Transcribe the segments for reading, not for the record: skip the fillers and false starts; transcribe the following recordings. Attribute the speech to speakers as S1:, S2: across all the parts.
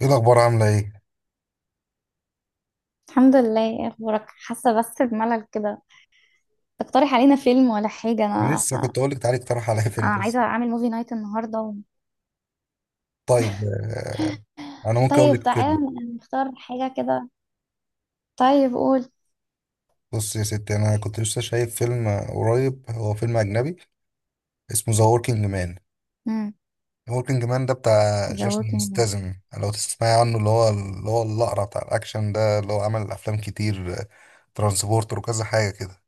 S1: ايه الاخبار؟ عامله ايه؟
S2: الحمد لله. ايه اخبارك؟ حاسه بس بملل كده. تقترح علينا فيلم ولا حاجه؟
S1: انا
S2: انا
S1: لسه كنت اقول لك تعالي اقترح عليا فيلم
S2: انا
S1: بس.
S2: عايزه اعمل موفي نايت النهارده
S1: طيب، انا ممكن اقول
S2: طيب
S1: لك
S2: تعالى
S1: فيلم.
S2: نختار حاجه كده. طيب قول.
S1: بص يا ستي، انا كنت لسه شايف فيلم قريب، هو فيلم اجنبي اسمه ذا وركينج مان.
S2: امم
S1: وركينج مان ده بتاع
S2: ذا
S1: جيسون
S2: ووكينج.
S1: ستاثام، لو تسمعي عنه، اللي هو الاقرع بتاع الاكشن ده، اللي هو عمل افلام كتير، ترانسبورتر وكذا حاجه كده.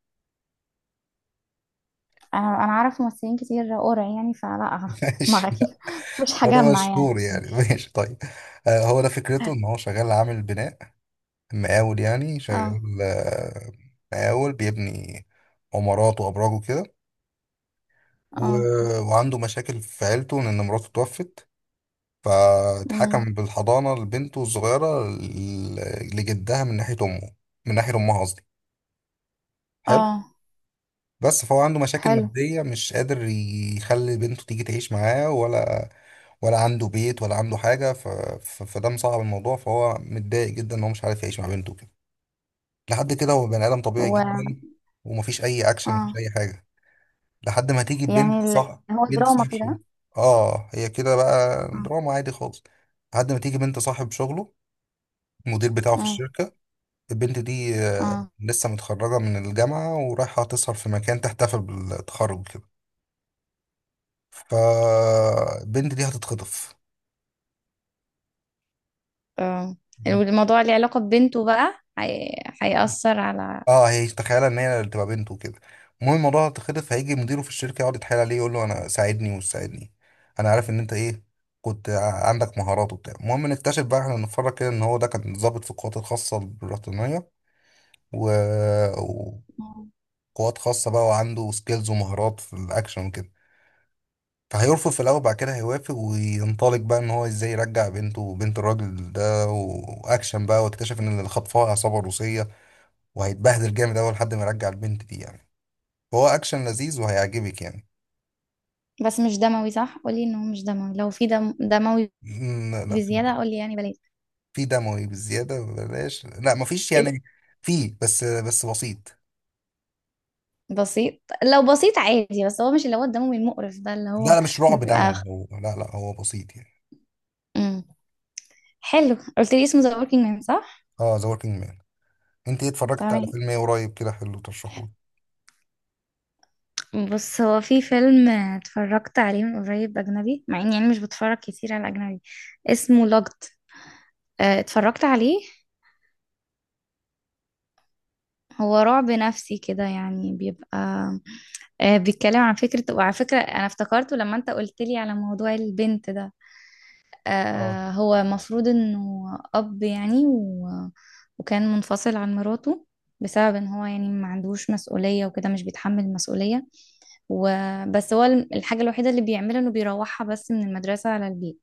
S2: انا اعرف ممثلين كتير قرع، يعني فلا
S1: ماشي،
S2: ما اكيد
S1: لا
S2: مش
S1: هو ده
S2: هجمع يعني.
S1: مشهور يعني. ماشي طيب. هو ده فكرته ان هو شغال عامل بناء، مقاول يعني،
S2: اه.
S1: شغال، مقاول بيبني عمارات وأبراج وكده.
S2: اه.
S1: وعنده مشاكل في عيلته لأن مراته توفت،
S2: امم
S1: فاتحكم بالحضانة لبنته الصغيرة لجدها من ناحية أمه، من ناحية أمها قصدي. حلو.
S2: اه.
S1: بس فهو عنده مشاكل
S2: حلو.
S1: مادية، مش قادر يخلي بنته تيجي تعيش معاه، ولا ولا عنده بيت ولا عنده حاجة، فده مصعب الموضوع، فهو متضايق جدا إن هو مش عارف يعيش مع بنته كده. لحد كده هو بني ادم طبيعي
S2: و
S1: جدا، ومفيش اي اكشن، مفيش
S2: اه
S1: اي حاجه، لحد ما تيجي
S2: يعني
S1: بنت صاحب
S2: هو دراما
S1: شغل.
S2: كده.
S1: اه، هي كده بقى
S2: اه.
S1: دراما عادي خالص. لحد ما تيجي بنت صاحب شغله، المدير بتاعه في
S2: اه.
S1: الشركه. البنت دي
S2: اه.
S1: لسه متخرجه من الجامعه ورايحه تسهر في مكان، تحتفل بالتخرج كده، فالبنت دي هتتخطف.
S2: آه. الموضوع اللي علاقة ببنته بقى هيأثر على...
S1: اه، هي تخيلها ان هي اللي تبقى بنته وكده. المهم، الموضوع اتخلف، فهيجي مديره في الشركه يقعد يتحايل عليه، يقول له انا ساعدني ومش ساعدني. انا عارف ان انت ايه، كنت عندك مهارات وبتاع. المهم نكتشف بقى، احنا نتفرج كده، ان هو ده كان ضابط في القوات الخاصه البريطانيه، و...
S2: مم.
S1: وقوات خاصه بقى، وعنده سكيلز ومهارات في الاكشن وكده. فهيرفض في الاول، بعد كده هيوافق وينطلق بقى ان هو ازاي يرجع بنته وبنت الراجل ده، واكشن بقى، واكتشف ان اللي خطفها عصابه روسيه، وهيتبهدل جامد اول لحد ما يرجع البنت دي يعني. هو اكشن لذيذ وهيعجبك يعني.
S2: بس مش دموي، صح؟ قولي انه مش دموي. لو في دم دموي
S1: لا لا، في.
S2: بزيادة قولي يعني بلاش.
S1: في دموي بالزياده بلاش، لا مفيش
S2: ايه ده؟
S1: يعني. في، بس بسيط.
S2: بسيط؟ لو بسيط عادي، بس هو مش اللي هو الدموي المقرف ده اللي
S1: لا
S2: هو
S1: لا، مش رعب
S2: بيبقى
S1: دموي
S2: خ-
S1: هو، لا لا، هو بسيط يعني.
S2: مم. حلو. قلت لي اسمه ذا وركينج مان، صح؟
S1: اه، ذا وركينج مان. انت ايه اتفرجت على
S2: تمام.
S1: فيلم ايه قريب كده حلو ترشحوه؟
S2: بص، هو في فيلم اتفرجت عليه من قريب اجنبي، مع اني يعني مش بتفرج كتير على اجنبي. اسمه لوجد. اتفرجت عليه. هو رعب نفسي كده، يعني بيبقى بيتكلم عن فكرة. وعلى فكرة انا افتكرته لما انت قلت لي على موضوع البنت ده.
S1: اه.
S2: آه، هو مفروض انه اب يعني وكان منفصل عن مراته بسبب ان هو يعني ما عندوش مسؤولية وكده، مش بيتحمل المسؤولية. وبس هو الحاجة الوحيدة اللي بيعملها انه بيروحها بس من المدرسة على البيت.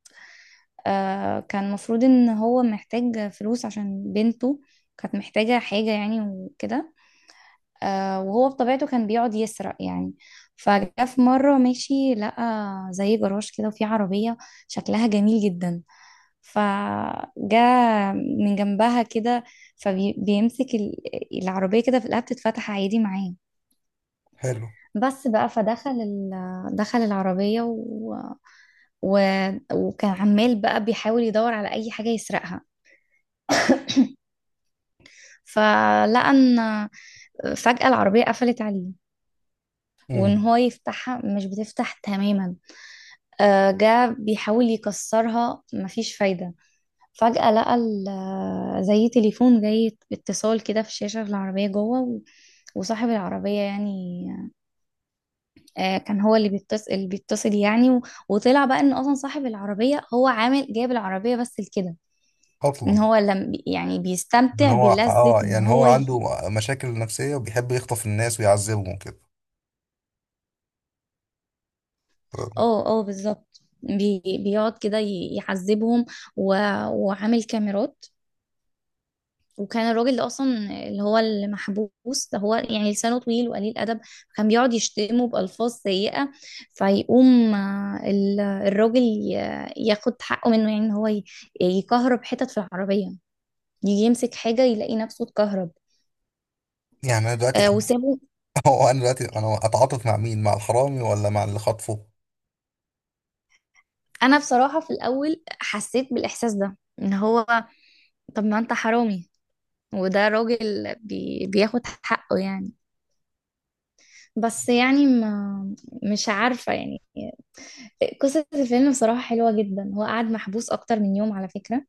S2: آه، كان مفروض ان هو محتاج فلوس عشان بنته كانت محتاجة حاجة يعني وكده. آه، وهو بطبيعته كان بيقعد يسرق يعني. فجاء في مرة ماشي لقى زي جراج كده، وفيه عربية شكلها جميل جدا. فجاء من جنبها كده، فبيمسك العربية كده في الآب تتفتح عادي معاه.
S1: حلو.
S2: بس بقى دخل العربية و... وكان عمال بقى بيحاول يدور على أي حاجة يسرقها. فلقى إن فجأة العربية قفلت عليه، وإن
S1: امم،
S2: هو يفتحها مش بتفتح تماما. آه، جه بيحاول يكسرها، مفيش فايدة. فجأة لقى زي تليفون جاي اتصال كده في الشاشة في العربية جوه، وصاحب العربية يعني كان هو اللي بيتصل. اللي بيتصل يعني، وطلع بقى ان اصلا صاحب العربية هو عامل جايب العربية بس لكده، ان
S1: اصلا
S2: هو لم يعني
S1: من
S2: بيستمتع
S1: هو؟
S2: بلذة
S1: اه،
S2: ان
S1: يعني هو
S2: هو
S1: عنده مشاكل نفسيه وبيحب يخطف الناس ويعذبهم وكده.
S2: اه اه بالظبط. بيقعد كده يعذبهم و... وعامل كاميرات. وكان الراجل ده اصلا اللي محبوس ده، هو يعني لسانه طويل وقليل ادب، كان بيقعد يشتمه بالفاظ سيئه. فيقوم الراجل ياخد حقه منه، يعني ان هو يكهرب حتت في العربيه. يجي يمسك حاجه يلاقي نفسه اتكهرب.
S1: يعني انا دلوقتي،
S2: آه، وسابه.
S1: هو انا دلوقتي، انا اتعاطف مع مين؟ مع الحرامي ولا مع اللي خطفه؟
S2: انا بصراحه في الاول حسيت بالاحساس ده، ان هو طب ما انت حرامي وده راجل بياخد حقه يعني. بس يعني ما، مش عارفه يعني. قصة الفيلم بصراحة حلوة جدا. هو قعد محبوس أكتر من يوم، على فكرة.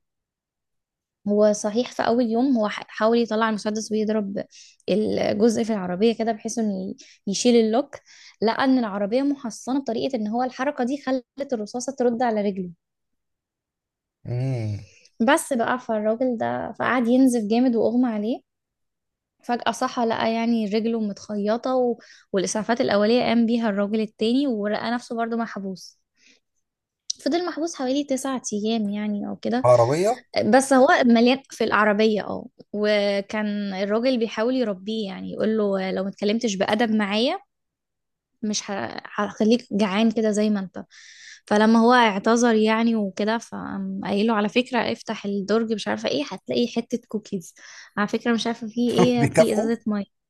S2: هو صحيح في أول يوم هو حاول يطلع المسدس ويضرب الجزء في العربية كده، بحيث إنه يشيل اللوك. لقى إن العربية محصنة بطريقة إن هو الحركة دي خلت الرصاصة ترد على رجله.
S1: امم.
S2: بس بقى فالراجل ده فقعد ينزف جامد وأغمى عليه. فجأة صحى لقى يعني رجله متخيطة والإسعافات الأولية قام بيها الراجل التاني، ولقى نفسه برضه محبوس. فضل محبوس حوالي تسعة أيام يعني أو كده.
S1: عربيه.
S2: بس هو مليان في العربية، اه. وكان الراجل بيحاول يربيه يعني، يقول له لو ما اتكلمتش بأدب معايا مش هخليك جعان كده زي ما انت. فلما هو اعتذر يعني وكده، فقام قايله على فكرة افتح الدرج، مش عارفة ايه، هتلاقي حتة كوكيز. على فكرة مش عارفة في ايه، في
S1: بيكافئوا.
S2: ازازة مية.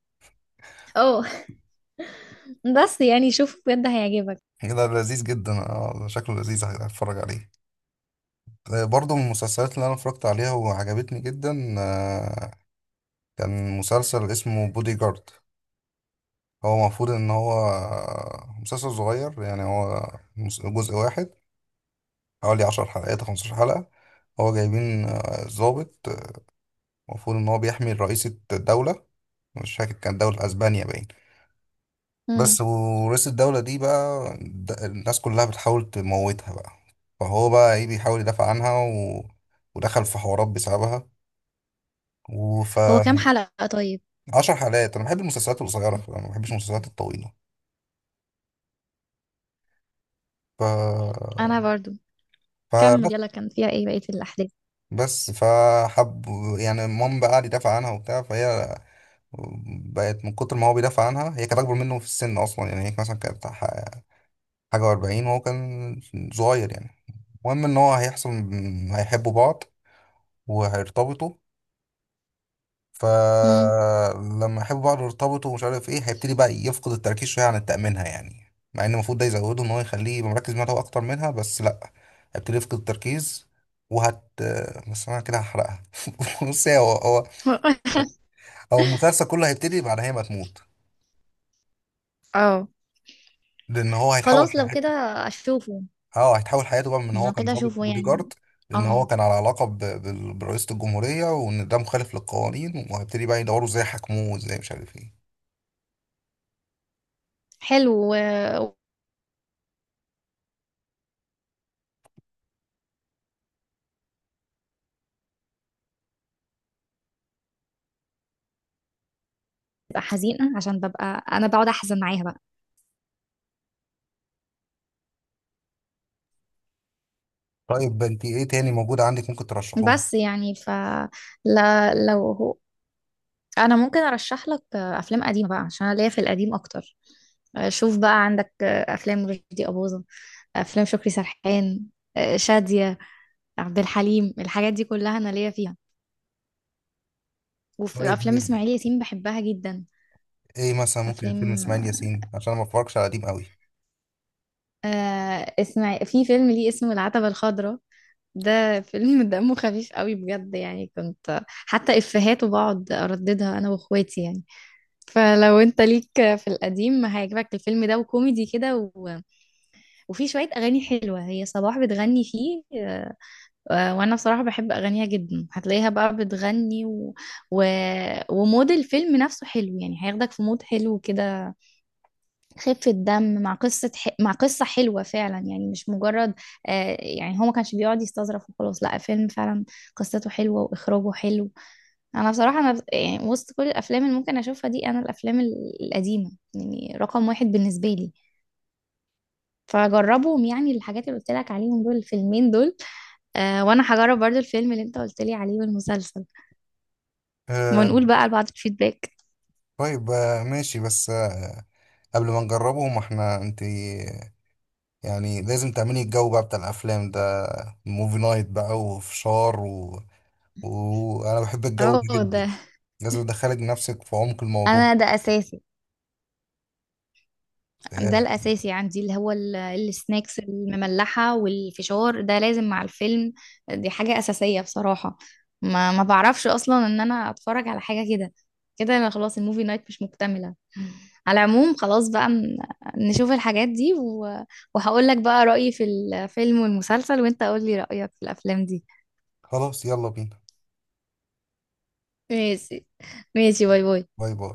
S2: اه بس يعني شوف بجد هيعجبك.
S1: كده لذيذ جدا، اه شكله لذيذ، هتفرج عليه. برضو من المسلسلات اللي انا اتفرجت عليها وعجبتني جدا، كان مسلسل اسمه بودي جارد. هو المفروض ان هو مسلسل صغير يعني، هو جزء واحد، حوالي عشر حلقات أو 15 حلقة. هو جايبين ضابط، المفروض ان هو بيحمي رئيسة الدولة، مش فاكر كان دولة اسبانيا باين.
S2: مم.
S1: بس ورئيس الدولة دي بقى، الناس كلها بتحاول تموتها بقى، فهو بقى ايه، بيحاول يدافع عنها، ودخل في حوارات بسببها. وف
S2: هو كام حلقة طيب؟
S1: 10 حلقات. انا بحب المسلسلات القصيرة، فأنا ما بحبش المسلسلات الطويلة. ف
S2: انا برضو كمل
S1: فبس
S2: يلا، كان فيها ايه بقية الاحداث؟
S1: بس فحب يعني، بقى قعد يدافع عنها وبتاع، فهي بقت، من كتر ما هو بيدافع عنها، هي كانت اكبر منه في السن اصلا يعني، هي مثلا كانت حاجة و40 وهو كان صغير يعني. المهم ان هو هيحصل، هيحبوا بعض وهيرتبطوا.
S2: مم.
S1: فلما يحبوا بعض يرتبطوا ومش عارف ايه، هيبتدي بقى يفقد التركيز شويه عن تأمينها، يعني مع ان المفروض ده يزوده، ان هو يخليه يبقى مركز معاها هو اكتر منها، بس لا، هيبتدي يفقد التركيز. وهت بس انا كده هحرقها. بص، هو هو هو المسلسل كله هيبتدي بعد هي ما تموت،
S2: اه،
S1: لان هو هيتحول
S2: خلاص لو كده
S1: حياته.
S2: اشوفه.
S1: اه، هيتحول حياته بقى من ان هو
S2: انه
S1: كان
S2: كده
S1: ضابط
S2: اشوفه
S1: بودي
S2: يعني.
S1: جارد، لان
S2: اه،
S1: هو كان على علاقه برئيسه الجمهوريه، وان ده مخالف للقوانين، وهيبتدي بقى يدوروا ازاي يحاكموه وازاي مش عارف ايه.
S2: حلو. وببقى حزينة عشان ببقى انا بقعد احزن معاها بقى.
S1: طيب، انت ايه تاني موجود عندك ممكن ترشحه لي؟
S2: بس يعني ف، لا لو هو، انا ممكن ارشح لك افلام قديمة بقى عشان أنا ليا في القديم اكتر. شوف بقى، عندك افلام رشدي أباظة، افلام شكري سرحان، شادية، عبد الحليم، الحاجات دي كلها انا ليا فيها. وفي
S1: طيب،
S2: افلام اسماعيل ياسين بحبها جدا.
S1: ايه مثلا ممكن فيلم
S2: افلام،
S1: اسماعيل ياسين، عشان أنا ما بتفرجش على قديم قوي.
S2: آه اسمع، في فيلم ليه اسمه العتبة الخضراء. ده فيلم دمه خفيف قوي بجد، يعني كنت حتى افهاته بقعد ارددها انا واخواتي يعني. فلو انت ليك في القديم هيعجبك الفيلم ده، وكوميدي كده وفي شوية اغاني حلوة، هي صباح بتغني فيه. وانا بصراحة بحب اغانيها جدا. هتلاقيها بقى بتغني و... ومود الفيلم نفسه حلو يعني، هياخدك في مود حلو كده. خفة دم مع قصة مع قصة حلوة فعلا يعني، مش مجرد آه يعني هو ما كانش بيقعد يستظرف وخلاص، لا فيلم فعلا قصته حلوة وإخراجه حلو. أنا بصراحة أنا يعني وسط كل الأفلام اللي ممكن أشوفها دي، أنا الأفلام القديمة يعني رقم واحد بالنسبة لي. فجربهم يعني، الحاجات اللي قلت لك عليهم دول الفيلمين دول. آه، وأنا هجرب برضو الفيلم اللي أنت قلت لي عليه والمسلسل،
S1: آه.
S2: ونقول بقى لبعض الفيدباك.
S1: طيب، آه ماشي، بس آه، قبل ما نجربه، ما احنا انت يعني لازم تعملي الجو بقى بتاع الافلام ده، موفي نايت بقى وفشار، وانا بحب الجو ده
S2: اه.
S1: جدا، لازم ادخلك نفسك في عمق الموضوع.
S2: ده أساسي. ده
S1: آه.
S2: الأساسي عندي، اللي هو السناكس المملحة والفشار، ده لازم مع الفيلم. دي حاجة أساسية بصراحة. ما بعرفش أصلا إن أنا أتفرج على حاجة كده. كده أنا خلاص الموفي نايت مش مكتملة. على العموم خلاص بقى نشوف الحاجات دي وهقول لك بقى رأيي في الفيلم والمسلسل، وأنت قول لي رأيك في الأفلام دي.
S1: خلاص، يلا بينا.
S2: ماشي. ماشي، باي باي.
S1: باي باي.